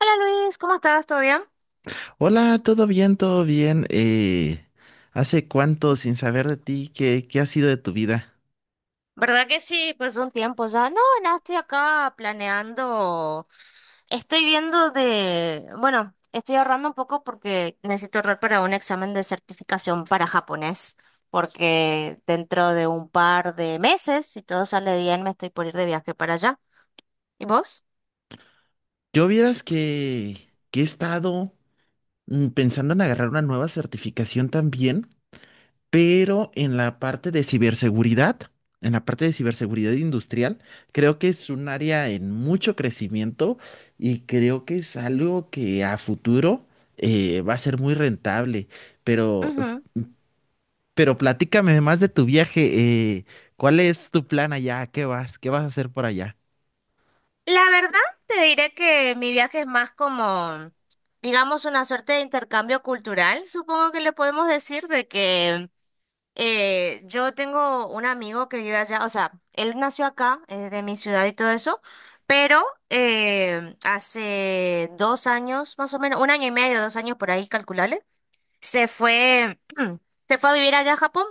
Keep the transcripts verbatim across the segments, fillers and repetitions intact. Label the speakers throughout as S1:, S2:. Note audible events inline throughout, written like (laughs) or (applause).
S1: Hola Luis, ¿cómo estás? ¿Todo bien?
S2: Hola, todo bien, todo bien. Eh, ¿hace cuánto sin saber de ti? ¿Qué, qué ha sido de tu vida?
S1: ¿Verdad que sí? Pues un tiempo ya. No, nada, estoy acá planeando. Estoy viendo de... Bueno, estoy ahorrando un poco porque necesito ahorrar para un examen de certificación para japonés, porque dentro de un par de meses, si todo sale bien, me estoy por ir de viaje para allá. ¿Y vos?
S2: Yo vieras que, que he estado mm, pensando en agarrar una nueva certificación también, pero en la parte de ciberseguridad, en la parte de ciberseguridad industrial, creo que es un área en mucho crecimiento y creo que es algo que a futuro eh, va a ser muy rentable, pero
S1: Ujú.
S2: Pero platícame más de tu viaje. Eh, ¿cuál es tu plan allá? ¿Qué vas? ¿Qué vas a hacer por allá?
S1: La verdad, te diré que mi viaje es más como, digamos, una suerte de intercambio cultural, supongo que le podemos decir, de que... Eh, yo tengo un amigo que vive allá, o sea, él nació acá, es de mi ciudad y todo eso, pero eh, hace dos años, más o menos, un año y medio, dos años por ahí, calculable, se fue, (clears throat) se fue a vivir allá a Japón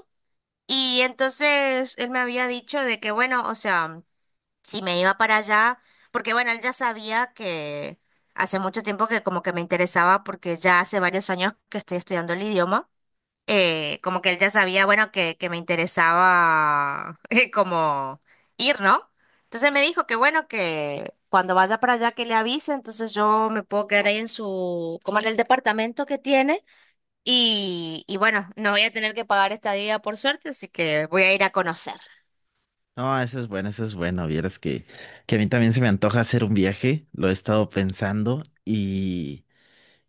S1: y entonces él me había dicho de que, bueno, o sea, si me iba para allá, porque bueno, él ya sabía que hace mucho tiempo que como que me interesaba porque ya hace varios años que estoy estudiando el idioma eh, como que él ya sabía, bueno, que, que me interesaba (laughs) eh, como ir, ¿no? Entonces me dijo que bueno, que cuando vaya para allá que le avise, entonces yo me puedo quedar ahí en su, como en el departamento que tiene y, y bueno, no voy a tener que pagar estadía por suerte, así que voy a ir a conocer.
S2: No, eso es bueno, eso es bueno. Vieras que, que a mí también se me antoja hacer un viaje. Lo he estado pensando y,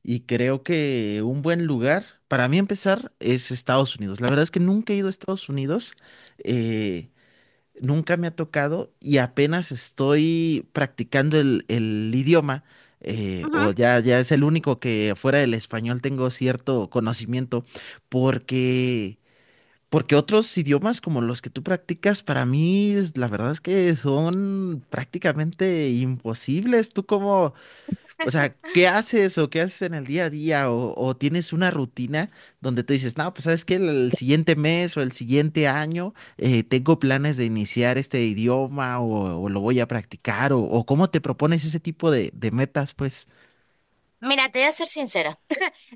S2: y creo que un buen lugar para mí empezar es Estados Unidos. La verdad es que nunca he ido a Estados Unidos. eh, Nunca me ha tocado y apenas estoy practicando el, el idioma, eh, o
S1: Ujú.
S2: ya, ya es el único que fuera del español tengo cierto conocimiento, porque, porque otros idiomas como los que tú practicas, para mí es- la verdad es que son prácticamente imposibles. ¿Tú cómo, o sea, qué haces o qué haces en el día a día? O, o tienes una rutina donde tú dices, no, pues sabes que el, el siguiente mes o el siguiente año eh, tengo planes de iniciar este idioma o, o lo voy a practicar o, o cómo te propones ese tipo de, de metas, pues.
S1: Mira, te voy a ser sincera.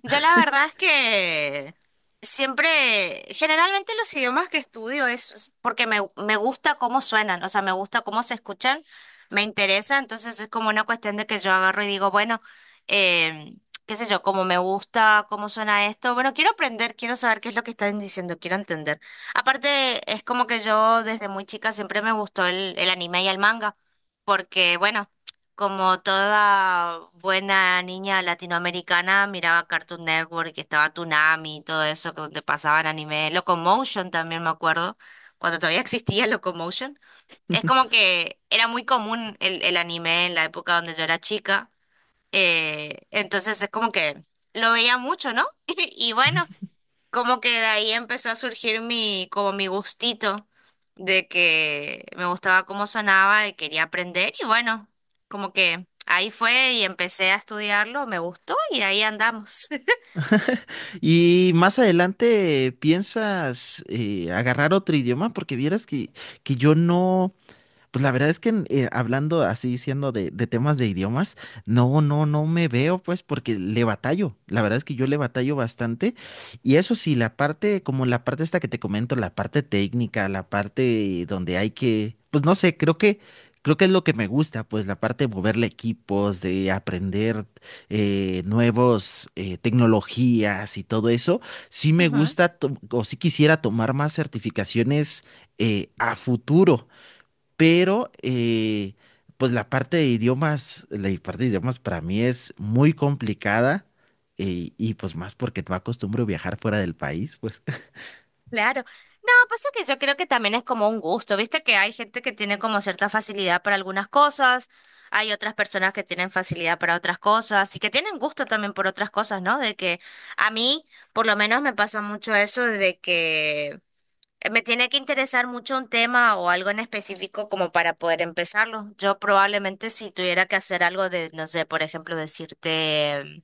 S1: Yo la verdad es que siempre, generalmente los idiomas que estudio es es porque me, me gusta cómo suenan, o sea, me gusta cómo se escuchan, me interesa, entonces es como una cuestión de que yo agarro y digo, bueno, eh, qué sé yo, cómo me gusta, cómo suena esto, bueno, quiero aprender, quiero saber qué es lo que están diciendo, quiero entender. Aparte, es como que yo desde muy chica siempre me gustó el, el anime y el manga, porque bueno. Como toda buena niña latinoamericana, miraba Cartoon Network, que estaba Toonami y todo eso, que donde pasaban anime. Locomotion también me acuerdo, cuando todavía existía Locomotion. Es como que era muy común el, el anime en la época donde yo era chica. Eh, entonces es como que lo veía mucho, ¿no? (laughs) Y bueno,
S2: (laughs)
S1: como que de ahí empezó a surgir mi, como mi gustito de que me gustaba cómo sonaba y quería aprender y bueno, como que ahí fue y empecé a estudiarlo, me gustó y ahí andamos. (laughs)
S2: ¿Y más adelante piensas eh, agarrar otro idioma? Porque vieras que, que yo no. Pues la verdad es que eh, hablando así, siendo de, de temas de idiomas, no, no, no me veo, pues, porque le batallo. La verdad es que yo le batallo bastante. Y eso sí, la parte, como la parte esta que te comento, la parte técnica, la parte donde hay que, pues no sé, creo que, creo que es lo que me gusta, pues la parte de moverle equipos, de aprender eh, nuevos eh, tecnologías y todo eso. Sí me
S1: Ujú,
S2: gusta, to- o sí quisiera tomar más certificaciones eh, a futuro, pero eh, pues la parte de idiomas, la parte de idiomas para mí es muy complicada, eh, y pues más porque no acostumbro viajar fuera del país, pues.
S1: claro. No, pasa que yo creo que también es como un gusto, viste que hay gente que tiene como cierta facilidad para algunas cosas, hay otras personas que tienen facilidad para otras cosas y que tienen gusto también por otras cosas, ¿no? De que a mí por lo menos me pasa mucho eso de que Eh, Me tiene que interesar mucho un tema o algo en específico como para poder empezarlo. Yo probablemente si tuviera que hacer algo de, no sé, por ejemplo, decirte mm,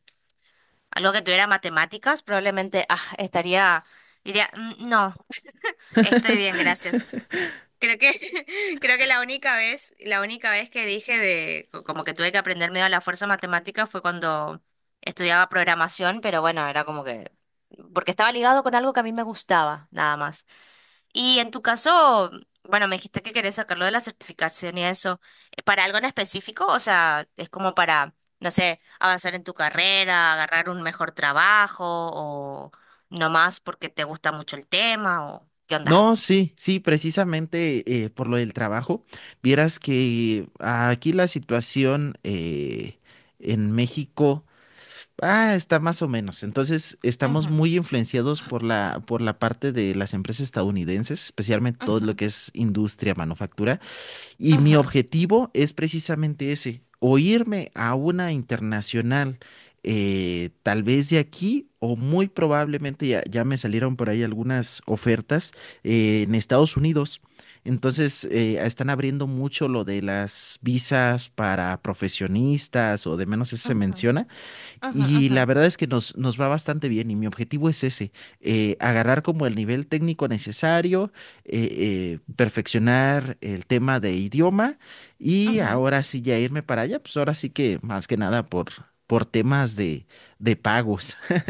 S1: algo que tuviera matemáticas, probablemente ah, estaría, diría, "Mm, no, estoy bien, gracias".
S2: (laughs)
S1: Creo que, (laughs) creo que la única vez, la única vez que dije de, co- como que tuve que aprender medio a la fuerza matemáticas fue cuando estudiaba programación, pero bueno, era como que, porque estaba ligado con algo que a mí me gustaba, nada más. Y en tu caso, bueno, me dijiste que querés sacarlo de la certificación y eso. ¿Eh, ¿Para algo en específico? O sea, es como para, no sé, avanzar en tu carrera, agarrar un mejor trabajo o nomás porque te gusta mucho el tema o qué onda.
S2: No, sí, sí, precisamente eh, por lo del trabajo. Vieras que aquí la situación eh, en México ah, está más o menos. Entonces, estamos
S1: Ujú,
S2: muy influenciados por la, por la parte de las empresas estadounidenses, especialmente todo
S1: ujú,
S2: lo que es industria, manufactura. Y mi
S1: ujú,
S2: objetivo es precisamente ese, o irme a una internacional, eh, tal vez de aquí, o muy probablemente ya, ya me salieron por ahí algunas ofertas eh, en Estados Unidos. Entonces, eh, están abriendo mucho lo de las visas para profesionistas o de menos eso se
S1: ujú,
S2: menciona.
S1: ujú,
S2: Y
S1: ujú,
S2: la verdad es que nos, nos va bastante bien y mi objetivo es ese, eh, agarrar como el nivel técnico necesario, eh, eh, perfeccionar el tema de idioma y
S1: ujú, ujú.
S2: ahora sí ya irme para allá, pues ahora sí que más que nada por, por temas de, de pagos. (laughs)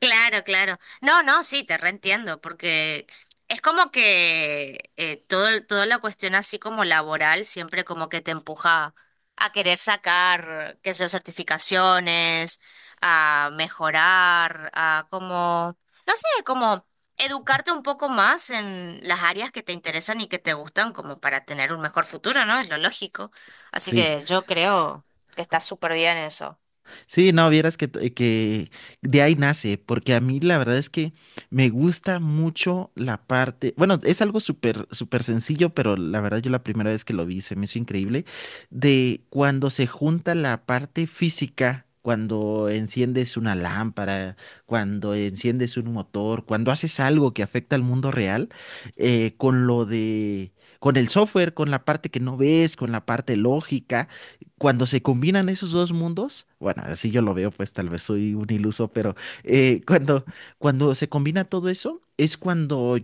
S1: Claro, claro. No, no, sí, te reentiendo, porque es como que eh, todo, el- toda la cuestión así como laboral siempre como que te empuja a querer sacar, qué sé yo, certificaciones, a mejorar, a como, no sé, como educarte un poco más en las áreas que te interesan y que te gustan como para tener un mejor futuro, ¿no? Es lo lógico. Así
S2: Sí.
S1: que yo creo que está súper bien eso.
S2: Sí, no, vieras que, t- que de ahí nace, porque a mí la verdad es que me gusta mucho la parte, bueno, es algo súper, súper sencillo, pero la verdad yo la primera vez que lo vi se me hizo increíble, de cuando se junta la parte física, cuando enciendes una lámpara, cuando enciendes un motor, cuando haces algo que afecta al mundo real, eh, con lo de, con el software, con la parte que no ves, con la parte lógica, cuando se combinan esos dos mundos, bueno, así yo lo veo, pues tal vez soy un iluso, pero eh, cuando, cuando se combina todo eso, es cuando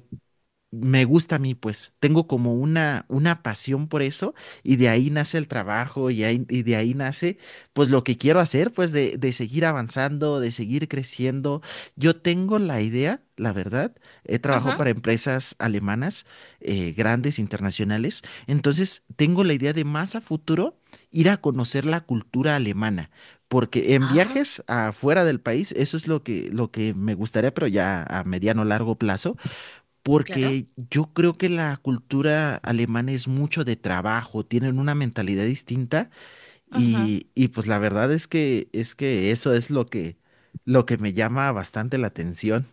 S2: me gusta a mí, pues tengo como una, una pasión por eso y de ahí nace el trabajo y, ahí- y de ahí nace pues lo que quiero hacer, pues de, de seguir avanzando, de seguir creciendo. Yo tengo la idea, la verdad, he trabajado
S1: Ajá.
S2: para empresas alemanas eh, grandes, internacionales, entonces tengo la idea de más a futuro ir a conocer la cultura alemana. Porque en
S1: Ajá,
S2: viajes afuera del país, eso es lo que, lo que me gustaría, pero ya a mediano largo plazo,
S1: claro.
S2: porque yo creo que la cultura alemana es mucho de trabajo, tienen una mentalidad distinta y, y pues la verdad es que es que eso es lo que lo que me llama bastante la atención.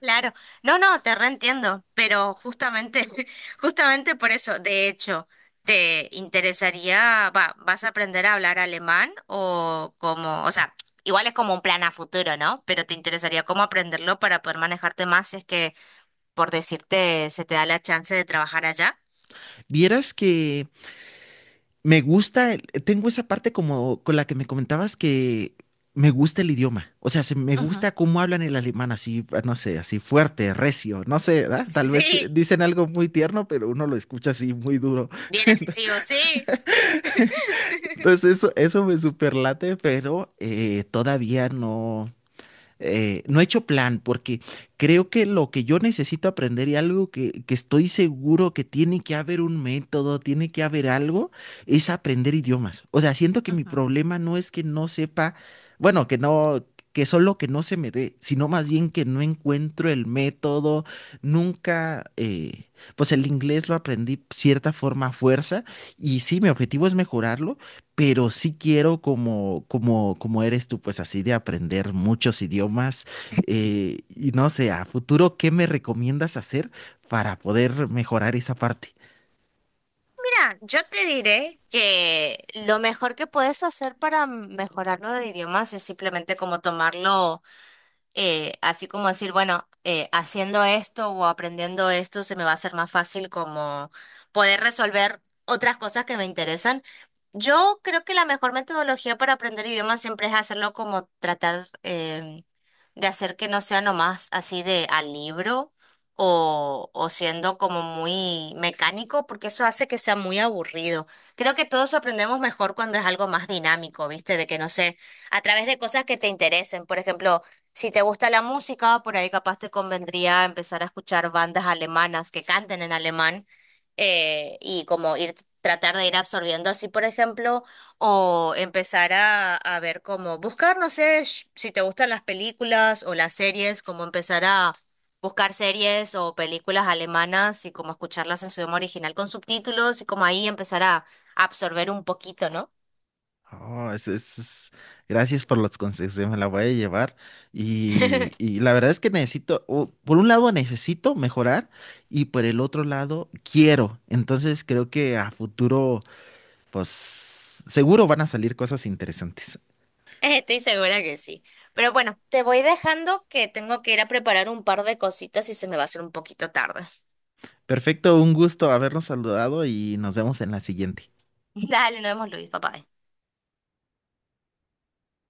S1: Claro, no, no, te reentiendo, pero justamente, (laughs) justamente por eso, de hecho, ¿te interesaría, va, vas a aprender a hablar alemán o como, o sea, igual es como un plan a futuro, ¿no? Pero te interesaría cómo aprenderlo para poder manejarte más si es que, por decirte, se te da la chance de trabajar allá.
S2: Vieras que me gusta, el- tengo esa parte como con la que me comentabas que me gusta el idioma, o sea, se me
S1: Ujú,
S2: gusta cómo hablan el alemán así, ah, no sé, así fuerte, recio, no sé, ¿verdad?
S1: (laughs)
S2: Tal vez eh,
S1: sí,
S2: dicen algo muy tierno, pero uno lo escucha así muy duro.
S1: bien
S2: (laughs)
S1: agresivo, sí.
S2: Entonces eso, eso me superlate, pero eh, todavía no, eh, no he hecho plan porque creo que lo que yo necesito aprender y algo que, que estoy seguro que tiene que haber un método, tiene que haber algo, es aprender idiomas. O sea, siento que mi
S1: Ujú.
S2: problema no es que no sepa, bueno, que no, que solo que no se me dé, sino más bien que no encuentro el método, nunca, eh, pues el inglés lo aprendí cierta forma a fuerza. Y sí, mi objetivo es mejorarlo, pero sí quiero como, como, como eres tú, pues así de aprender muchos idiomas, eh, y no sé, a futuro, ¿qué me recomiendas hacer para poder mejorar esa parte?
S1: Mira, yo te diré que lo mejor que puedes hacer para mejorarlo de idiomas es simplemente como tomarlo. Eh, así como decir, bueno, eh, haciendo esto o aprendiendo esto se me va a hacer más fácil como poder resolver otras cosas que me interesan. Yo creo que la mejor metodología para aprender idiomas siempre es hacerlo como tratar eh, de hacer que no sea nomás así de al libro o, o siendo como muy mecánico, porque eso hace que sea muy aburrido. Creo que todos aprendemos mejor cuando es algo más dinámico, ¿viste? De que no sé, a través de cosas que te interesen. Por ejemplo, si te gusta la música, por ahí capaz te convendría empezar a escuchar bandas alemanas que canten en alemán eh, y como ir tratar de ir absorbiendo así, por ejemplo, o empezar a, a ver cómo buscar, no sé, sh- si te gustan las películas o las series, como empezar a buscar series o películas alemanas y como escucharlas en su idioma original con subtítulos y como ahí empezar a absorber un poquito, ¿no?
S2: Oh, es, es- es- gracias por los consejos, eh, me la voy a llevar y,
S1: (laughs)
S2: y la verdad es que necesito, o, por un lado necesito mejorar y por el otro lado quiero, entonces creo que a futuro, pues seguro van a salir cosas interesantes.
S1: (laughs) Estoy segura que sí. Pero bueno, te voy dejando que tengo que ir a preparar un par de cositas y se me va a hacer un poquito tarde.
S2: Perfecto, un gusto habernos saludado y nos vemos en la siguiente.
S1: (laughs) Dale, nos vemos, Luis, papá.